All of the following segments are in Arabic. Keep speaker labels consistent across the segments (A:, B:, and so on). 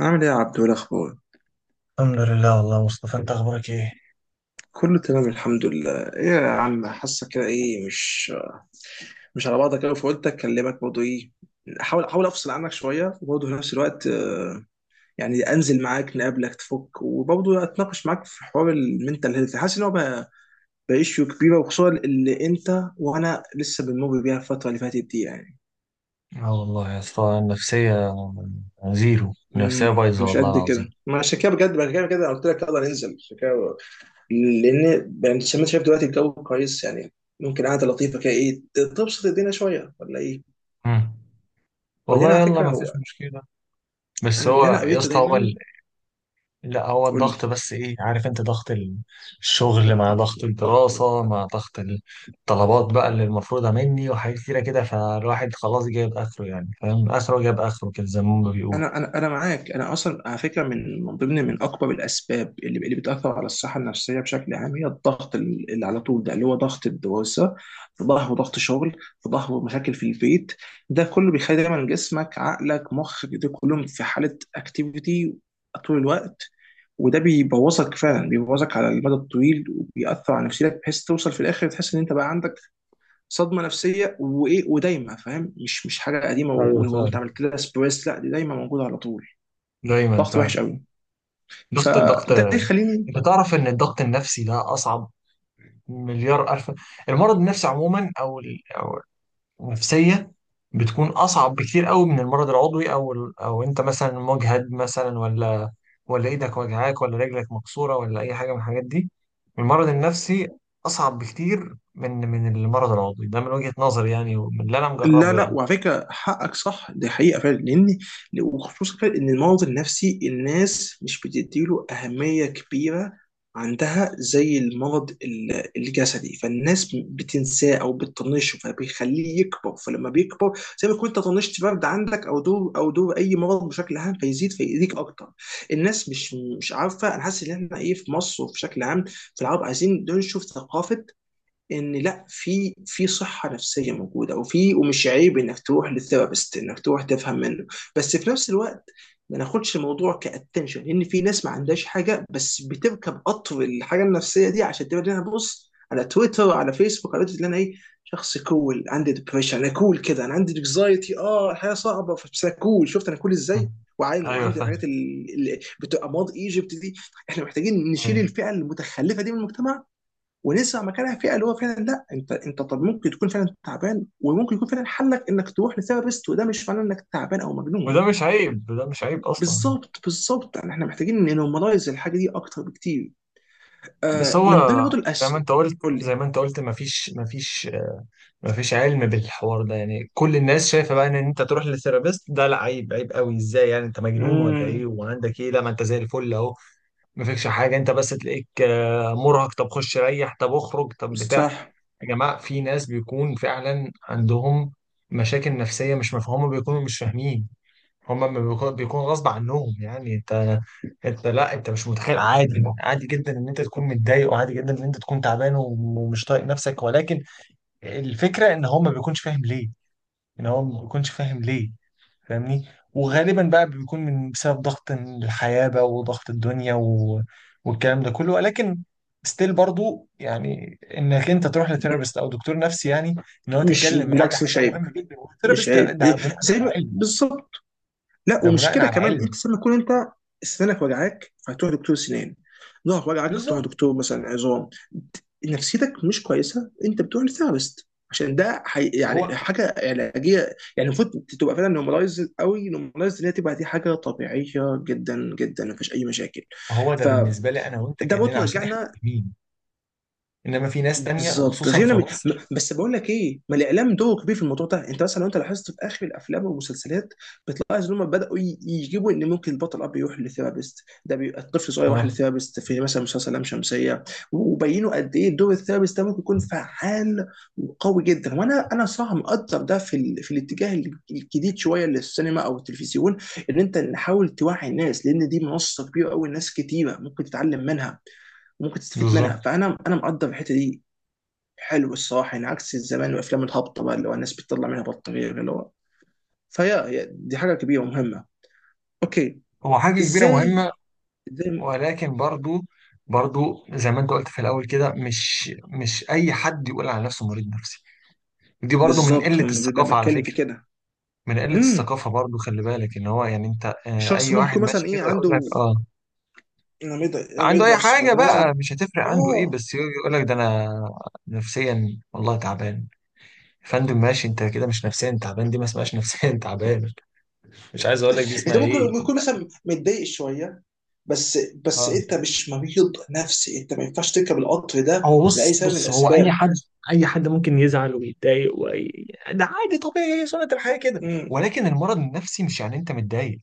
A: عامل ايه يا عبدو؟ إيه الاخبار؟
B: الحمد لله، والله مصطفى انت اخبارك ايه؟
A: كله تمام، الحمد لله. ايه يا عم، حاسه كده ايه، مش على بعضك قوي، فقلت اكلمك برضه. ايه، احاول افصل عنك شويه، وبرضه في نفس الوقت يعني انزل معاك نقابلك تفك، وبرضه اتناقش معاك في حوار المنتال هيلث. حاسس ان هو بقى issue كبيره، وخصوصا اللي انت وانا لسه بنمر بيها الفتره اللي فاتت دي يعني.
B: اه، والله يا اسطى، النفسية زيرو. النفسية بايظة
A: مش
B: والله
A: قد كده،
B: العظيم.
A: ما عشان كده بجد، عشان كده بجد أنا قلت لك يلا ننزل. عشان كده، لان يعني زي ما انت شايف دلوقتي الجو كويس، يعني ممكن قعده لطيفه كده، ايه، تبسط الدنيا شويه ولا ايه؟
B: مم.
A: وبعدين
B: والله
A: على
B: يلا
A: فكره،
B: ما
A: هو
B: فيش مشكلة. بس
A: انا من
B: هو
A: اللي انا
B: يا
A: قريته
B: اسطى هو
A: دايما،
B: لا، هو
A: قول لي.
B: الضغط. بس ايه، عارف انت، ضغط الشغل مع ضغط الدراسة مع ضغط الطلبات بقى اللي المفروضة مني وحاجات كتيرة كده، فالواحد خلاص جايب اخره، يعني فاهم اخره جايب اخره كده زي ما هما بيقولوا.
A: انا معاك، انا اصلا على فكره من ضمن اكبر الاسباب اللي بتاثر على الصحه النفسيه بشكل عام هي الضغط، اللي على طول ده، اللي هو ضغط الدراسه، في ظهره ضغط شغل، في ظهره مشاكل في البيت. ده كله بيخلي دايما جسمك، عقلك، مخك، ده كلهم في حاله اكتيفيتي طول الوقت، وده بيبوظك، فعلا بيبوظك على المدى الطويل، وبيأثر على نفسيتك، بحيث توصل في الاخر تحس ان انت بقى عندك صدمه نفسيه وايه ودايمه، فاهم؟ مش حاجه قديمه
B: ايوه فعلا،
A: وانت عملت لها سبريس، لا، دي دايما موجوده على طول.
B: دايما
A: ضغط وحش
B: فعلا.
A: قوي،
B: ضغط الضغط.
A: فده يخليني.
B: انت تعرف ان الضغط النفسي ده اصعب مليار ألف. المرض النفسي عموما، أو النفسية، بتكون أصعب بكتير قوي من المرض العضوي، أو أنت مثلا مجهد مثلا، ولا ولا إيدك وجعاك، ولا رجلك مكسورة، ولا أي حاجة من الحاجات دي. المرض النفسي أصعب بكتير من المرض العضوي، ده من وجهة نظري يعني، ومن اللي أنا
A: لا
B: مجربه
A: لا،
B: يعني.
A: وعلى فكره، حقك صح، دي حقيقه فعلا، لان وخصوصا فعلا ان المرض النفسي الناس مش بتديله اهميه كبيره عندها زي المرض الجسدي، فالناس بتنساه او بتطنشه فبيخليه يكبر، فلما بيكبر، زي ما كنت طنشت برد عندك او دور، اي مرض بشكل عام، فيزيد فيأذيك اكتر. الناس مش عارفه. انا حاسس ان احنا ايه، في مصر وفي شكل عام في العرب عايزين ننشر ثقافه ان لا، في صحه نفسيه موجوده، وفي ومش عيب انك تروح للثيرابيست، انك تروح تفهم منه. بس في نفس الوقت ما ناخدش الموضوع كاتنشن، لان في ناس ما عندهاش حاجه بس بتركب قطر الحاجه النفسيه دي عشان تبقى لها بص على تويتر، على فيسبوك، على تويتر، اللي انا ايه، شخص كول عندي ديبريشن، انا كول كده، انا عندي انكزايتي، اه الحياه صعبه بس انا كول، شفت انا كول
B: م.
A: ازاي، وعين
B: أيوه
A: وعندي
B: فاهم.
A: الحاجات اللي بتبقى ماض ايجيبت دي. احنا محتاجين نشيل
B: أيوه.
A: الفئه المتخلفه دي من المجتمع، ونسمع مكانها فئه اللي هو فعلا لا، انت طب ممكن تكون فعلا تعبان، وممكن يكون فعلا حلك انك تروح لثيرابيست، وده مش معناه انك تعبان او مجنون.
B: وده مش عيب، ده مش عيب أصلا.
A: بالظبط، بالظبط، يعني احنا محتاجين ننورماليز الحاجه دي اكتر بكتير.
B: بس
A: من ضمن
B: هو
A: برضه
B: زي
A: الأش،
B: ما أنت قلت
A: قول لي.
B: زي ما أنت قلت مفيش مفيش علم بالحوار ده. يعني كل الناس شايفه بقى ان انت تروح للثيرابيست ده لا، عيب، عيب قوي، ازاي يعني انت مجنون ولا ايه
A: امم
B: وعندك ايه؟ لا، ما انت زي الفل اهو، ما فيكش حاجه، انت بس تلاقيك مرهق. طب خش ريح، طب اخرج، طب بتاع.
A: صح،
B: يا جماعه في ناس بيكون فعلا عندهم مشاكل نفسيه مش مفهومه، بيكونوا مش فاهمين. هما ما بيكون غصب عنهم يعني. انت، انت لا، انت مش متخيل، عادي، عادي جدا ان انت تكون متضايق، وعادي جدا ان انت تكون تعبان ومش طايق نفسك. ولكن الفكرة ان هو ما بيكونش فاهم ليه، ان هو ما بيكونش فاهم ليه، فاهمني. وغالبا بقى بيكون من بسبب ضغط الحياة بقى وضغط الدنيا والكلام ده كله. ولكن ستيل برضو يعني، انك انت تروح لثيرابيست او دكتور نفسي، يعني ان هو
A: مش
B: تتكلم معاه، دي
A: بالعكس، مش
B: حاجة
A: عيب،
B: مهمة جدا.
A: مش
B: والثيرابيست
A: عيب،
B: ده
A: إيه،
B: بناء
A: زي
B: على
A: ما-
B: علم،
A: بالظبط. لا،
B: ده
A: ومش
B: بناء
A: كده
B: على
A: كمان،
B: علم.
A: انت لما تكون انت سنانك وجعاك فهتروح دكتور سنان، ظهرك وجعك بتروح
B: بالظبط.
A: دكتور مثلا عظام، نفسيتك مش كويسه انت بتروح لثيرابيست، عشان ده يعني
B: هو
A: حاجه علاجيه. يعني المفروض تبقى فعلا نورماليز قوي، نورماليز ان هي تبقى دي حاجه طبيعيه جدا جدا، مفيش اي مشاكل.
B: هو ده
A: فده
B: بالنسبة لي انا وانت كأننا
A: برضه
B: عشان احنا
A: يرجعنا.
B: فاهمين. انما في ناس تانية،
A: بالظبط،
B: وخصوصا في
A: غير م... م-
B: مصر.
A: بس بقول لك ايه، ما الاعلام دوره كبير في الموضوع ده. انت مثلا لو انت لاحظت في اخر الافلام والمسلسلات، بتلاحظ ان هم بداوا يجيبوا ان ممكن البطل اب يروح لثيرابيست، ده بيبقى الطفل صغير راح
B: اه،
A: لثيرابيست في مثلا مسلسل لام شمسيه، وبينوا قد ايه دور الثيرابيست ده ممكن يكون فعال وقوي جدا، وانا صراحه مقدر ده في في الاتجاه الجديد شويه للسينما او التلفزيون، ان انت نحاول توعي الناس، لان دي منصه كبيره قوي، ناس كتيره ممكن تتعلم منها وممكن تستفيد
B: بالظبط.
A: منها، فانا مقدر الحته دي. حلو الصراحه، يعني عكس الزمان والافلام الهابطه بقى، اللي هو الناس بتطلع منها بطاريه، اللي هو فهي، دي حاجه كبيره ومهمه. اوكي.
B: هو حاجة كبيرة مهمة.
A: ازاي؟ ازاي؟
B: ولكن برضو، برضو زي ما انت قلت في الاول كده مش اي حد يقول على نفسه مريض نفسي. دي برضو من
A: بالظبط،
B: قله الثقافه على
A: بتكلم في
B: فكره،
A: كده.
B: من قله
A: امم
B: الثقافه. برضو خلي بالك ان هو يعني انت،
A: الشخص
B: اي
A: ممكن
B: واحد
A: يكون مثلا
B: ماشي
A: ايه
B: كده يقول
A: عنده،
B: لك اه،
A: أنا مريض، أنا مريض
B: عنده اي
A: نفسي خالص،
B: حاجه
A: أنا مثلا.
B: بقى مش هتفرق عنده ايه،
A: اه،
B: بس يقول لك ده انا نفسيا والله تعبان. يا فندم ماشي، انت كده مش نفسيا تعبان، دي ما اسمهاش نفسيا تعبان. مش عايز اقول لك دي اسمها
A: انت ممكن
B: ايه.
A: يكون مثلا متضايق شويه، بس بس
B: اه،
A: انت مش مريض نفسي، انت ما ينفعش تركب القطر ده
B: هو
A: لاي
B: بص
A: سبب من
B: بص، هو اي
A: الاسباب.
B: حد، اي حد ممكن يزعل ويتضايق ده عادي طبيعي، هي سنة الحياة كده.
A: امم
B: ولكن المرض النفسي مش يعني انت متضايق،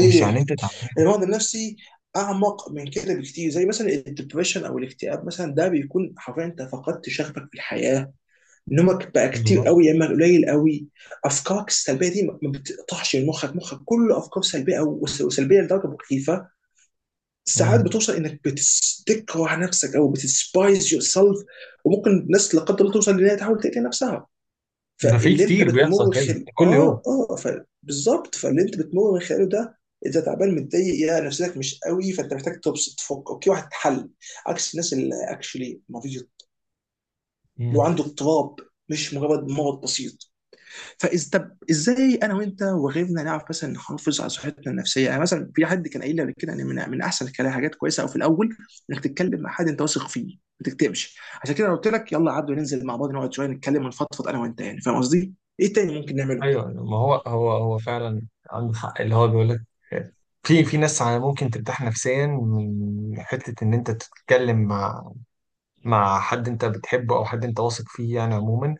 B: ومش يعني انت تعبان.
A: المرض النفسي اعمق من كده بكتير، زي مثلا الدبريشن او الاكتئاب مثلا، ده بيكون حرفيا انت فقدت شغفك في الحياه، نومك بقى كتير
B: بالظبط.
A: قوي يا اما قليل قوي، افكارك السلبيه دي ما بتقطعش من مخك، مخك كله افكار سلبيه، وسلبيه لدرجه مخيفه، ساعات
B: مم.
A: بتوصل انك تكره نفسك او بتسبايز يور سيلف، وممكن ناس لا قدر الله توصل لانها تحاول تقتل نفسها.
B: ده في
A: فاللي انت
B: كتير بيحصل
A: بتمر
B: كده
A: خل...
B: كل يوم.
A: اه اه ف... بالظبط، فاللي انت بتمر من خلاله ده، اذا تعبان متضايق يا نفسيتك مش قوي، فانت محتاج تبسط تفك، اوكي، واحد حل، عكس الناس اللي اكشلي مريض، لو
B: مم.
A: عنده اضطراب، مش مجرد مرض بسيط. فاذا، طب ازاي انا وانت وغيرنا نعرف مثلا نحافظ على صحتنا النفسيه؟ يعني مثلا في حد كان قايل لي قبل كده ان من احسن الكلام، حاجات كويسه، او في الاول انك تتكلم مع حد انت واثق فيه، ما تكتبش. عشان كده أنا قلت لك يلا عبده ننزل مع بعض نقعد شويه نتكلم ونفضفض انا وانت، يعني فاهم قصدي؟ ايه تاني ممكن نعمله؟
B: ايوه، ما هو هو فعلا عنده حق اللي هو بيقول لك. في ناس على ممكن ترتاح نفسيا من حته ان انت تتكلم مع حد انت بتحبه او حد انت واثق فيه، يعني عموما.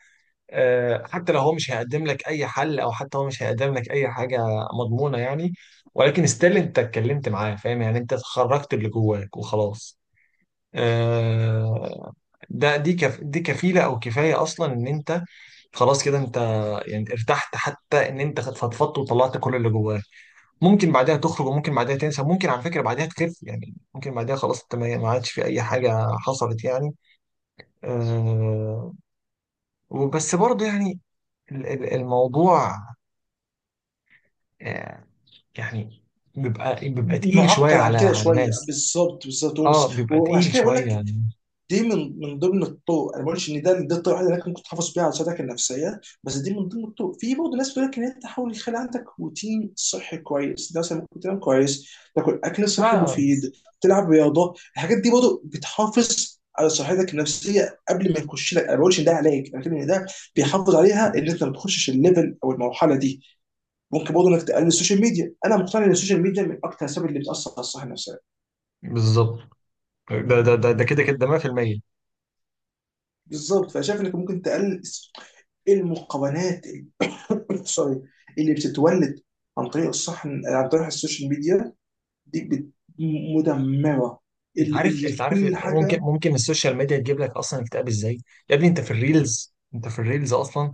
B: حتى لو هو مش هيقدم لك اي حل، او حتى هو مش هيقدم لك اي حاجه مضمونه يعني. ولكن ستيل انت اتكلمت معاه، فاهم يعني، انت خرجت اللي جواك وخلاص. آه، ده دي كف دي كفيله او كفايه اصلا ان انت خلاص كده انت، يعني ارتحت حتى ان انت فضفضت وطلعت كل اللي جواك. ممكن بعدها تخرج، وممكن بعدها تنسى، ممكن على فكره بعدها تخف يعني، ممكن بعدها خلاص انت ما عادش في اي حاجه حصلت يعني. آه، وبس برضه يعني الموضوع، آه، يعني بيبقى تقيل شوية
A: معقد عن
B: على
A: كده
B: على
A: شويه،
B: ناس.
A: بالظبط بالظبط،
B: اه، بيبقى
A: وعشان
B: تقيل
A: كده بقول
B: شوية
A: لك
B: يعني.
A: دي من ضمن الطرق، انا ما بقولش ان ده الطريقه الوحيده اللي انت ممكن تحافظ بيها على صحتك النفسيه، بس دي من ضمن الطرق. في برضه ناس بتقول لك ان انت تحاول يخلي عندك روتين صحي كويس، ده مثلا ممكن تنام كويس، تاكل اكل صحي
B: لا،
A: مفيد، تلعب رياضه، الحاجات دي برضه بتحافظ على صحتك النفسيه قبل ما يخش لك، انا ما بقولش ان ده علاج، انا بتكلم ان ده بيحافظ عليها ان انت ما تخشش الليفل او المرحله دي. ممكن برضه انك تقلل السوشيال ميديا، انا مقتنع ان السوشيال ميديا من اكتر الاسباب اللي بتاثر على الصحه النفسيه.
B: بالظبط. ده كده كده ده 100%.
A: بالظبط، فشايف انك ممكن تقلل المقارنات سوري، اللي بتتولد عن طريق عن طريق السوشيال ميديا، دي مدمره،
B: انت
A: اللي
B: عارف
A: اللي
B: انت عارف
A: كل
B: ممكن
A: حاجه.
B: ممكن السوشيال ميديا تجيب لك اصلا اكتئاب ازاي. يا ابني انت في الريلز اصلا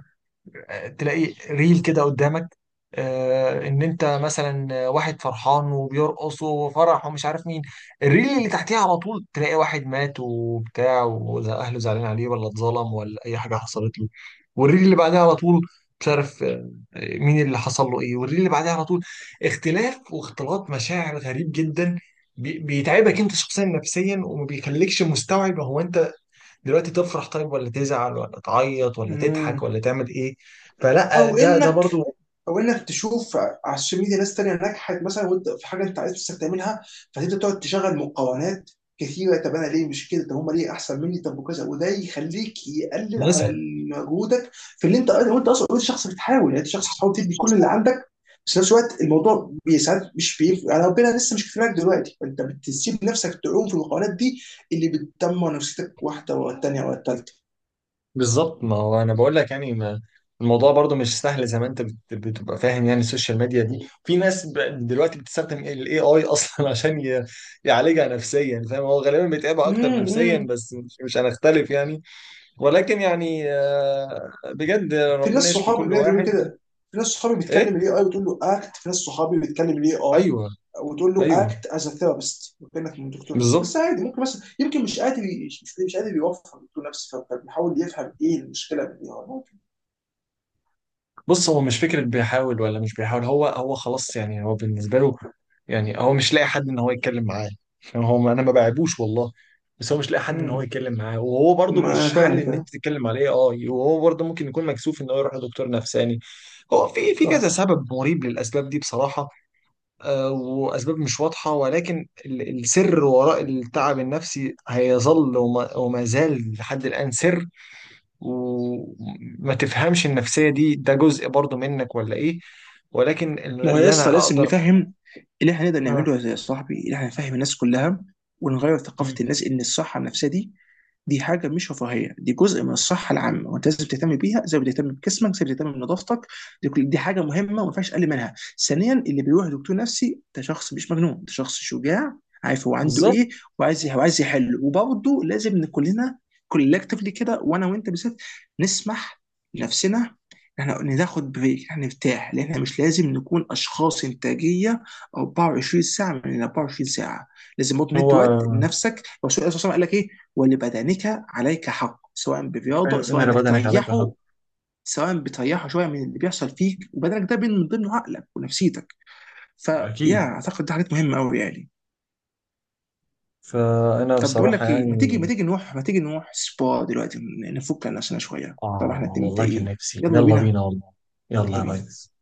B: تلاقي ريل كده قدامك، ان انت مثلا واحد فرحان وبيرقص وفرح ومش عارف مين. الريل اللي تحتيها على طول تلاقي واحد مات وبتاع، واهله زعلانين عليه، ولا اتظلم، ولا اي حاجه حصلت له. والريل اللي بعدها على طول مش عارف مين اللي حصل له ايه. والريل اللي بعدها على طول اختلاف واختلاط مشاعر غريب جدا. بيتعبك انت شخصيا نفسيا، وما بيخليكش مستوعب هو انت دلوقتي تفرح طيب، ولا تزعل، ولا تعيط، ولا تضحك،
A: مم.
B: ولا تعمل ايه. فلا،
A: او
B: ده
A: انك،
B: برضو
A: او انك تشوف على السوشيال ميديا ناس تانية نجحت مثلا وانت في حاجه انت عايز نفسك تعملها، فتبدا تقعد تشغل مقارنات كثيره. طب انا ليه مش كده؟ طب هم ليه احسن مني؟ طب وكذا، وده يخليك يقلل
B: نسهل.
A: على مجهودك في اللي انت، وانت اصلا انت شخص بتحاول، يعني انت شخص بتحاول تدي كل اللي عندك، بس في نفس الوقت الموضوع ساعات مش بيف... يعني ربنا لسه مش كفاك دلوقتي، فانت بتسيب نفسك تعوم في المقارنات دي، اللي بتدمر نفسيتك واحده ورا الثانيه ورا
B: بالظبط، ما هو انا بقول لك يعني، ما الموضوع برضو مش سهل زي ما انت بتبقى فاهم يعني. السوشيال ميديا دي في ناس دلوقتي بتستخدم الاي اي اصلا عشان يعالجها نفسيا، فاهم، هو غالبا بيتعبها اكتر نفسيا،
A: الثالثه.
B: بس مش هنختلف يعني. ولكن يعني، بجد
A: في ناس
B: ربنا يشفي
A: صحابي
B: كل
A: بجد بيقولوا
B: واحد.
A: كده، في ناس صحابي
B: ايه،
A: بتكلم الاي اي وتقول له اكت، في ناس صحابي بتكلم الاي اي
B: ايوه،
A: وتقول له
B: ايوه،
A: اكت از ا ثيرابيست، وكانك من دكتور نفسي، بس
B: بالظبط.
A: عادي ممكن مثلا يمكن مش قادر يوفر دكتور نفسي، فبيحاول يفهم ايه المشكله من الاي اي ممكن.
B: بص، هو مش فكرة بيحاول ولا مش بيحاول، هو خلاص يعني، هو بالنسبة له يعني هو مش لاقي حد ان هو يتكلم معاه. يعني هو انا ما بعيبوش والله، بس هو مش لاقي حد ان هو
A: امم
B: يتكلم معاه، وهو برضه
A: ما انا
B: مش حل
A: فاهم
B: ان
A: فاهم،
B: انت تتكلم عليه، اه، وهو برضه ممكن يكون مكسوف ان هو يروح لدكتور نفساني. هو في كذا
A: صح،
B: سبب مريب للاسباب دي، بصراحة. آه، واسباب مش واضحة، ولكن السر وراء التعب النفسي هيظل، وما زال لحد الان سر. وما تفهمش النفسية دي، ده جزء برضو منك ولا ايه. ولكن
A: ما هو
B: اللي انا
A: لسه لازم
B: اقدر.
A: نفهم. اللي احنا نقدر
B: ها.
A: نعمله يا صاحبي اللي احنا نفهم الناس كلها، ونغير ثقافة
B: مم.
A: الناس، ان الصحة النفسية دي حاجة مش رفاهية، دي جزء من الصحة العامة، وانت لازم تهتم بيها زي ما بتهتم بجسمك، زي ما بتهتم بنظافتك، دي حاجة مهمة وما ينفعش اقل منها. ثانيا، اللي بيروح دكتور نفسي ده شخص مش مجنون، ده شخص شجاع، عارف هو عنده
B: بالظبط.
A: ايه، وعايز يحل. وبرضه لازم إن كلنا كولكتفلي كده، وانا وانت بالذات، نسمح لنفسنا، احنا قلنا ناخد بريك، احنا نرتاح، لان احنا مش لازم نكون اشخاص انتاجيه 24 ساعه من 24 ساعه، لازم برضه ندي وقت
B: هو
A: لنفسك. الرسول عليه الصلاه والسلام قال لك ايه؟ ولبدنك عليك حق، سواء برياضه،
B: أيوة،
A: سواء
B: ان
A: انك
B: بدنك عليك حق.
A: تريحه، سواء بتريحه شويه من اللي بيحصل فيك، وبدنك ده من ضمنه عقلك ونفسيتك، فيا
B: اكيد.
A: اعتقد ده حاجات مهمه قوي يعني.
B: فانا
A: طب بقول
B: بصراحه
A: لك ايه، ما تيجي
B: يعني
A: ما تيجي نروح ما تيجي نروح سبا دلوقتي، نفك عن نفسنا شويه، طبعا احنا
B: اه
A: اتنين
B: والله كان
A: متضايقين.
B: نفسي،
A: يلا
B: يلا
A: بينا،
B: بينا والله. يلا
A: يلا
B: يا
A: بينا.
B: ريس.